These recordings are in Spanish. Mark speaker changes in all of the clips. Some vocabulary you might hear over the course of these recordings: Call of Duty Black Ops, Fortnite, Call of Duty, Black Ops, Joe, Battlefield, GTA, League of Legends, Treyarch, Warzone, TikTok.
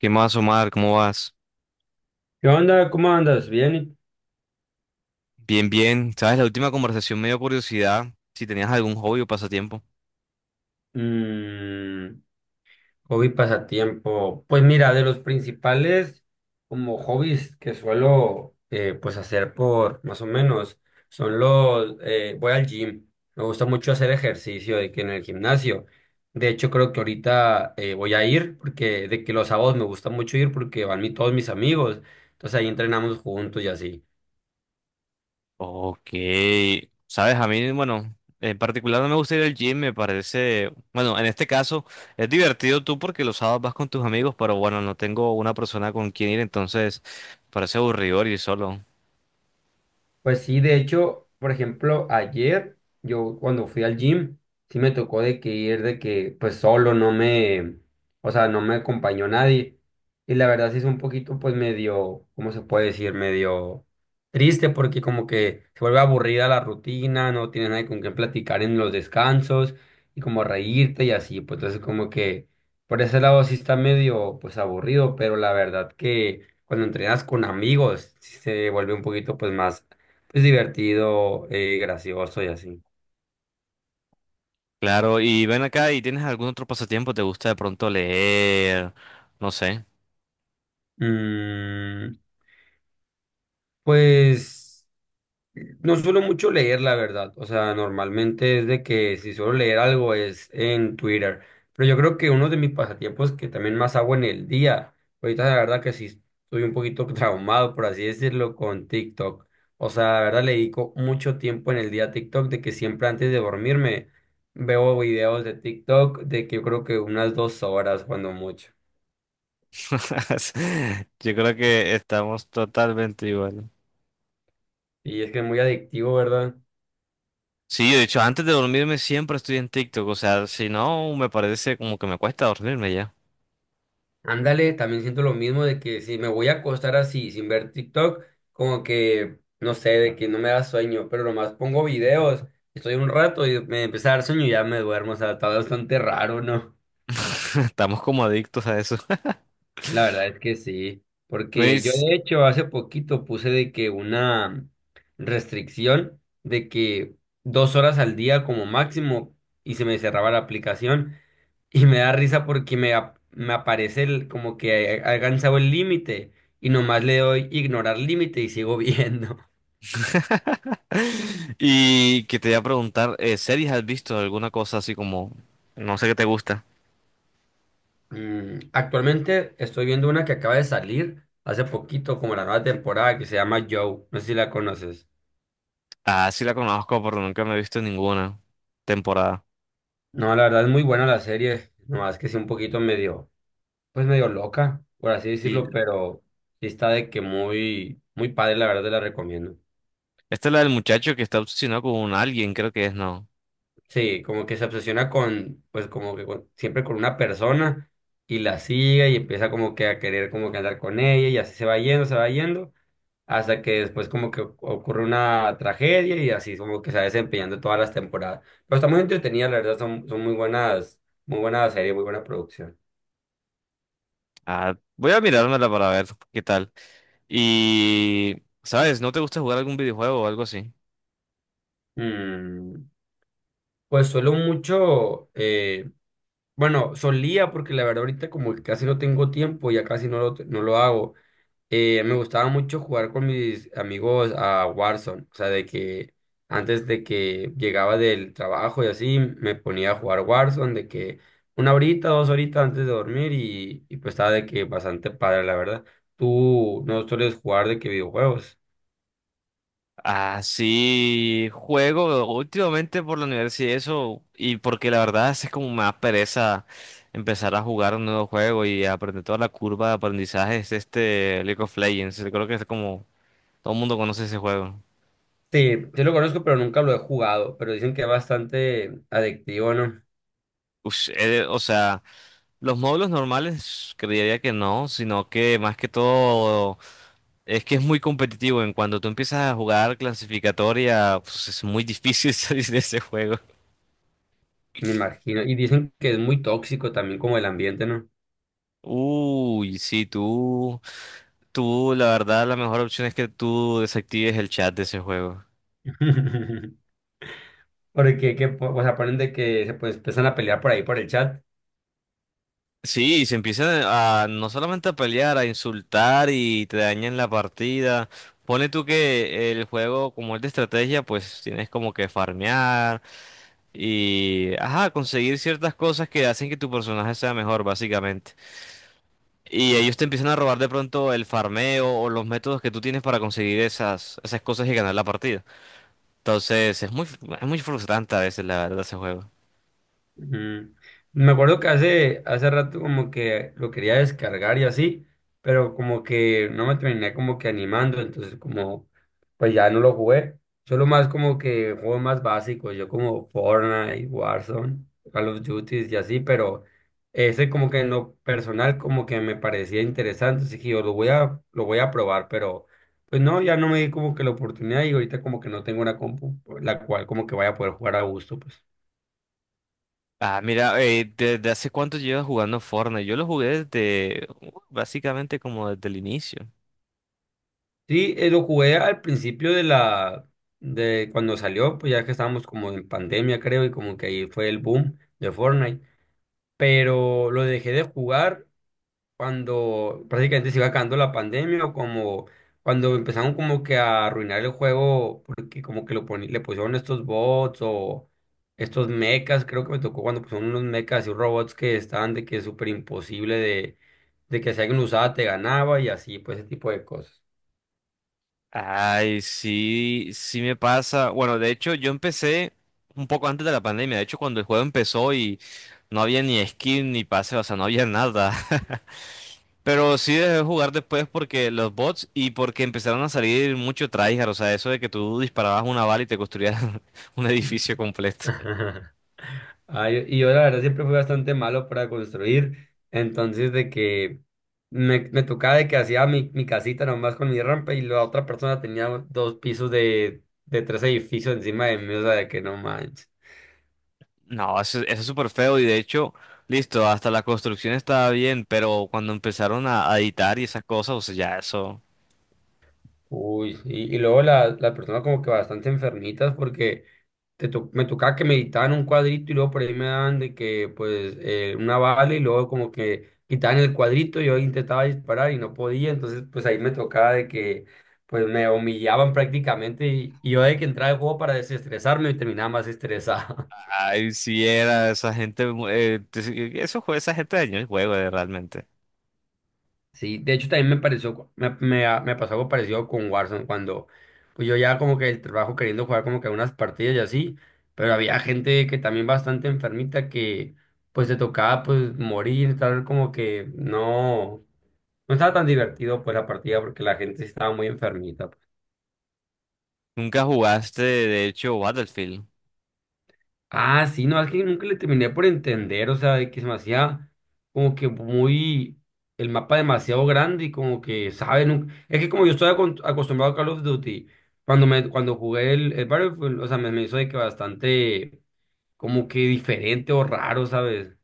Speaker 1: ¿Qué más, Omar? ¿Cómo vas?
Speaker 2: ¿Qué onda? ¿Cómo andas? ¿Bien?
Speaker 1: Bien, bien. ¿Sabes? La última conversación me dio curiosidad si tenías algún hobby o pasatiempo.
Speaker 2: Mm, hobby pasatiempo. Pues mira, de los principales como hobbies que suelo pues hacer por más o menos son los voy al gym. Me gusta mucho hacer ejercicio de que en el gimnasio. De hecho, creo que ahorita voy a ir porque de que los sábados me gusta mucho ir porque van todos mis amigos. Entonces ahí entrenamos juntos y así.
Speaker 1: Ok. ¿Sabes? A mí, bueno, en particular no me gusta ir al gym, me parece, bueno, en este caso es divertido tú porque los sábados vas con tus amigos, pero bueno, no tengo una persona con quien ir, entonces parece aburrido ir solo.
Speaker 2: Pues sí, de hecho, por ejemplo, ayer yo cuando fui al gym, sí me tocó de que ir de que pues solo no me, o sea, no me acompañó nadie. Y la verdad sí es un poquito pues medio, ¿cómo se puede decir? Medio triste porque como que se vuelve aburrida la rutina, no tienes nadie con quien platicar en los descansos y como reírte y así, pues entonces como que por ese lado sí está medio pues aburrido, pero la verdad que cuando entrenas con amigos sí se vuelve un poquito pues más es divertido, gracioso y así.
Speaker 1: Claro, y ven acá y tienes algún otro pasatiempo, ¿te gusta de pronto leer? No sé.
Speaker 2: Mm, pues no suelo mucho leer, la verdad. O sea, normalmente es de que si suelo leer algo es en Twitter. Pero yo creo que uno de mis pasatiempos que también más hago en el día, ahorita la verdad que sí estoy un poquito traumado, por así decirlo, con TikTok. O sea, la verdad le dedico mucho tiempo en el día a TikTok, de que siempre antes de dormirme veo videos de TikTok, de que yo creo que unas 2 horas cuando mucho.
Speaker 1: Yo creo que estamos totalmente igual.
Speaker 2: Y es que es muy adictivo, ¿verdad?
Speaker 1: Sí, yo de hecho, antes de dormirme siempre estoy en TikTok, o sea, si no, me parece como que me cuesta dormirme ya.
Speaker 2: Ándale, también siento lo mismo de que si me voy a acostar así sin ver TikTok, como que, no sé, de que no me da sueño, pero nomás pongo videos, estoy un rato y me empieza a dar sueño y ya me duermo, o sea, está bastante raro, ¿no?
Speaker 1: Estamos como adictos a eso.
Speaker 2: La verdad es que sí, porque yo
Speaker 1: ¿Veis?
Speaker 2: de hecho hace poquito puse de que una restricción de que 2 horas al día como máximo y se me cerraba la aplicación. Y me da risa porque me, me aparece como que ha alcanzado el límite y nomás le doy ignorar límite y sigo viendo.
Speaker 1: Y que te voy a preguntar, ¿series has visto alguna cosa así como, no sé qué te gusta?
Speaker 2: Mm, actualmente estoy viendo una que acaba de salir hace poquito, como la nueva temporada, que se llama Joe. No sé si la conoces.
Speaker 1: Ah, sí la conozco, pero nunca me he visto ninguna temporada.
Speaker 2: No, la verdad es muy buena la serie. Nomás que sí un poquito medio, pues medio loca, por así
Speaker 1: Sí,
Speaker 2: decirlo, pero sí está de que muy, muy padre, la verdad te la recomiendo.
Speaker 1: esta es la del muchacho que está obsesionado con alguien, creo que es, no.
Speaker 2: Sí, como que se obsesiona con, pues como que siempre con una persona y la sigue y empieza como que a querer como que andar con ella y así se va yendo, hasta que después como que ocurre una tragedia y así como que se va desempeñando todas las temporadas. Pero está muy entretenida, la verdad, son muy buenas, muy buena serie, muy buena producción.
Speaker 1: Ah, voy a mirármela para ver qué tal. Y, ¿sabes? ¿No te gusta jugar algún videojuego o algo así?
Speaker 2: Mm, pues suelo mucho, bueno, solía porque la verdad ahorita como que casi no tengo tiempo, ya casi no lo hago me gustaba mucho jugar con mis amigos a Warzone, o sea, de que antes de que llegaba del trabajo y así, me ponía a jugar Warzone, de que una horita, dos horitas antes de dormir y pues estaba de que bastante padre, la verdad. ¿Tú no sueles jugar de qué videojuegos?
Speaker 1: Ah, sí, juego últimamente por la universidad y eso, y porque la verdad es como me da pereza empezar a jugar un nuevo juego y aprender toda la curva de aprendizaje es este League of Legends. Creo que es como todo el mundo conoce ese juego.
Speaker 2: Sí, sí lo conozco, pero nunca lo he jugado, pero dicen que es bastante adictivo, ¿no?
Speaker 1: Ush, o sea, los módulos normales creería que no, sino que más que todo es que es muy competitivo. En cuanto tú empiezas a jugar clasificatoria, pues es muy difícil salir de ese juego.
Speaker 2: Me imagino. Y dicen que es muy tóxico también como el ambiente, ¿no?
Speaker 1: Uy, sí, tú. Tú, la verdad, la mejor opción es que tú desactives el chat de ese juego.
Speaker 2: Porque que, po- o sea, ponen de que se pues, empiezan a pelear por ahí por el chat.
Speaker 1: Sí, y se empiezan a no solamente a pelear, a insultar y te dañan la partida. Pone tú que el juego, como es de estrategia, pues tienes como que farmear y, ajá, conseguir ciertas cosas que hacen que tu personaje sea mejor, básicamente. Y ellos te empiezan a robar de pronto el farmeo o los métodos que tú tienes para conseguir esas, esas cosas y ganar la partida. Entonces, es muy frustrante a veces, la verdad, ese juego.
Speaker 2: Ujú. Me acuerdo que hace rato como que lo quería descargar y así, pero como que no me terminé como que animando, entonces como pues ya no lo jugué. Solo más como que juegos más básicos, yo como Fortnite, Warzone, Call of Duty y así, pero ese como que en lo personal como que me parecía interesante, así que yo lo voy a probar, pero pues no, ya no me di como que la oportunidad y ahorita como que no tengo una compu la cual como que vaya a poder jugar a gusto, pues.
Speaker 1: Ah, mira, ¿desde hace cuánto llevas jugando Fortnite? Yo lo jugué desde, básicamente como desde el inicio.
Speaker 2: Sí, lo jugué al principio de la, de cuando salió, pues ya que estábamos como en pandemia, creo, y como que ahí fue el boom de Fortnite. Pero lo dejé de jugar cuando prácticamente se iba acabando la pandemia o como cuando empezaron como que a arruinar el juego porque como que lo le pusieron estos bots o estos mechas, creo que me tocó cuando pusieron unos mechas y robots que estaban de que es súper imposible de que si alguien lo usaba te ganaba y así, pues ese tipo de cosas.
Speaker 1: Ay, sí, sí me pasa. Bueno, de hecho, yo empecé un poco antes de la pandemia. De hecho, cuando el juego empezó y no había ni skin ni pase, o sea, no había nada. Pero sí dejé de jugar después porque los bots y porque empezaron a salir mucho tryhard. O sea, eso de que tú disparabas una bala y te construías un edificio completo.
Speaker 2: Y yo la verdad siempre fui bastante malo para construir, entonces de que me tocaba de que hacía mi casita nomás con mi rampa y la otra persona tenía dos pisos de tres edificios encima de mí, o sea, de que no manches.
Speaker 1: No, eso es súper feo y de hecho, listo, hasta la construcción estaba bien, pero cuando empezaron a editar y esas cosas, o sea, ya eso,
Speaker 2: Uy, sí. Y luego las personas como que bastante enfermitas porque me tocaba que meditaban un cuadrito y luego por ahí me daban de que pues una bala y luego como que quitaban el cuadrito y yo intentaba disparar y no podía, entonces pues ahí me tocaba de que pues me humillaban prácticamente y yo de que entraba al juego para desestresarme y terminaba más estresado.
Speaker 1: ay, sí era esa gente, mu- te- eso fue esa gente dañó el juego realmente.
Speaker 2: Sí, de hecho también me pareció, me pasó algo parecido con Warzone, cuando pues yo ya como que el trabajo queriendo jugar como que unas partidas y así, pero había gente que también bastante enfermita que pues se tocaba pues morir, tal como que no, no estaba tan divertido pues la partida porque la gente sí estaba muy enfermita.
Speaker 1: Nunca jugaste, de hecho, Battlefield.
Speaker 2: Ah, sí, no, es que nunca le terminé por entender, o sea, de que se me hacía como que muy, el mapa demasiado grande y como que, ¿sabes? Es que como yo estoy acostumbrado a Call of Duty, cuando cuando jugué el Battlefield, o sea, me hizo de que bastante, como que diferente o raro, ¿sabes?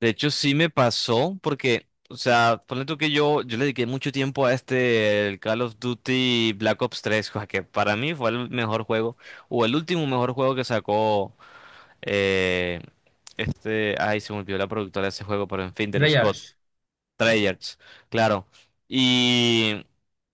Speaker 1: De hecho, sí me pasó porque, o sea, ponle tú que yo le dediqué mucho tiempo a este, el Call of Duty Black Ops 3, cosa que para mí fue el mejor juego, o el último mejor juego que sacó eh, este, ay, se me olvidó la productora de ese juego, pero en fin, de los COD.
Speaker 2: Treyarch.
Speaker 1: Treyarch, claro. Y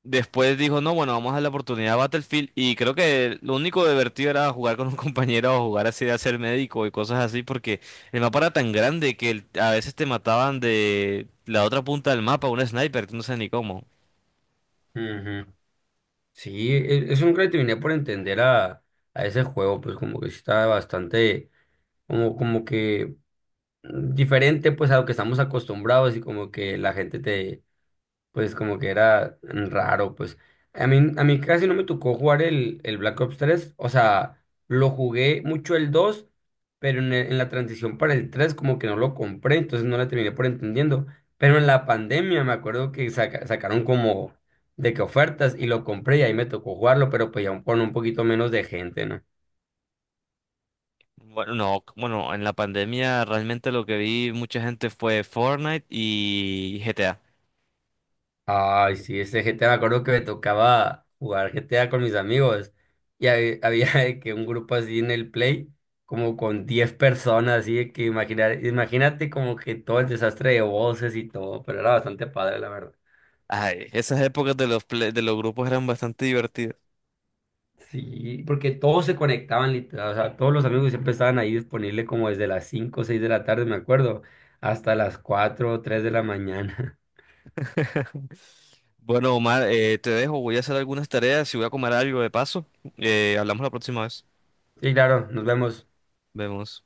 Speaker 1: después dijo, no, bueno, vamos a darle la oportunidad a Battlefield. Y creo que lo único divertido era jugar con un compañero o jugar así de hacer médico y cosas así, porque el mapa era tan grande que el- a veces te mataban de la otra punta del mapa, un sniper, tú no sabes ni cómo.
Speaker 2: Ujú. Sí, eso nunca le terminé por entender a ese juego, pues como que sí estaba bastante, como que mm, diferente pues a lo que estamos acostumbrados y como que la gente te pues como que era raro, pues. A mí casi no me tocó jugar el Black Ops tres, o sea, lo jugué mucho el dos, pero en, en la transición para el 3 como que no lo compré, entonces no la terminé por entendiendo. Pero en la pandemia me acuerdo que sacaron como de que ofertas y lo compré y ahí me tocó jugarlo, pero pues con un poquito menos de gente, ¿no?
Speaker 1: Bueno, no, bueno, en la pandemia realmente lo que vi mucha gente fue Fortnite y GTA.
Speaker 2: Ay, sí, ese GTA, me acuerdo que me tocaba jugar GTA con mis amigos. Y había, de que un grupo así en el Play, como con 10 personas, así de que imaginar, imagínate como que todo el desastre de voces y todo, pero era bastante padre, la verdad.
Speaker 1: Ay, esas épocas de los, play- de los grupos eran bastante divertidas.
Speaker 2: Sí, porque todos se conectaban, literal, o sea, todos los amigos siempre estaban ahí disponibles como desde las 5 o 6 de la tarde, me acuerdo, hasta las 4 o 3 de la mañana.
Speaker 1: Bueno, Omar, te dejo, voy a hacer algunas tareas y voy a comer algo de paso. Hablamos la próxima vez.
Speaker 2: Sí, claro, nos vemos.
Speaker 1: Vemos.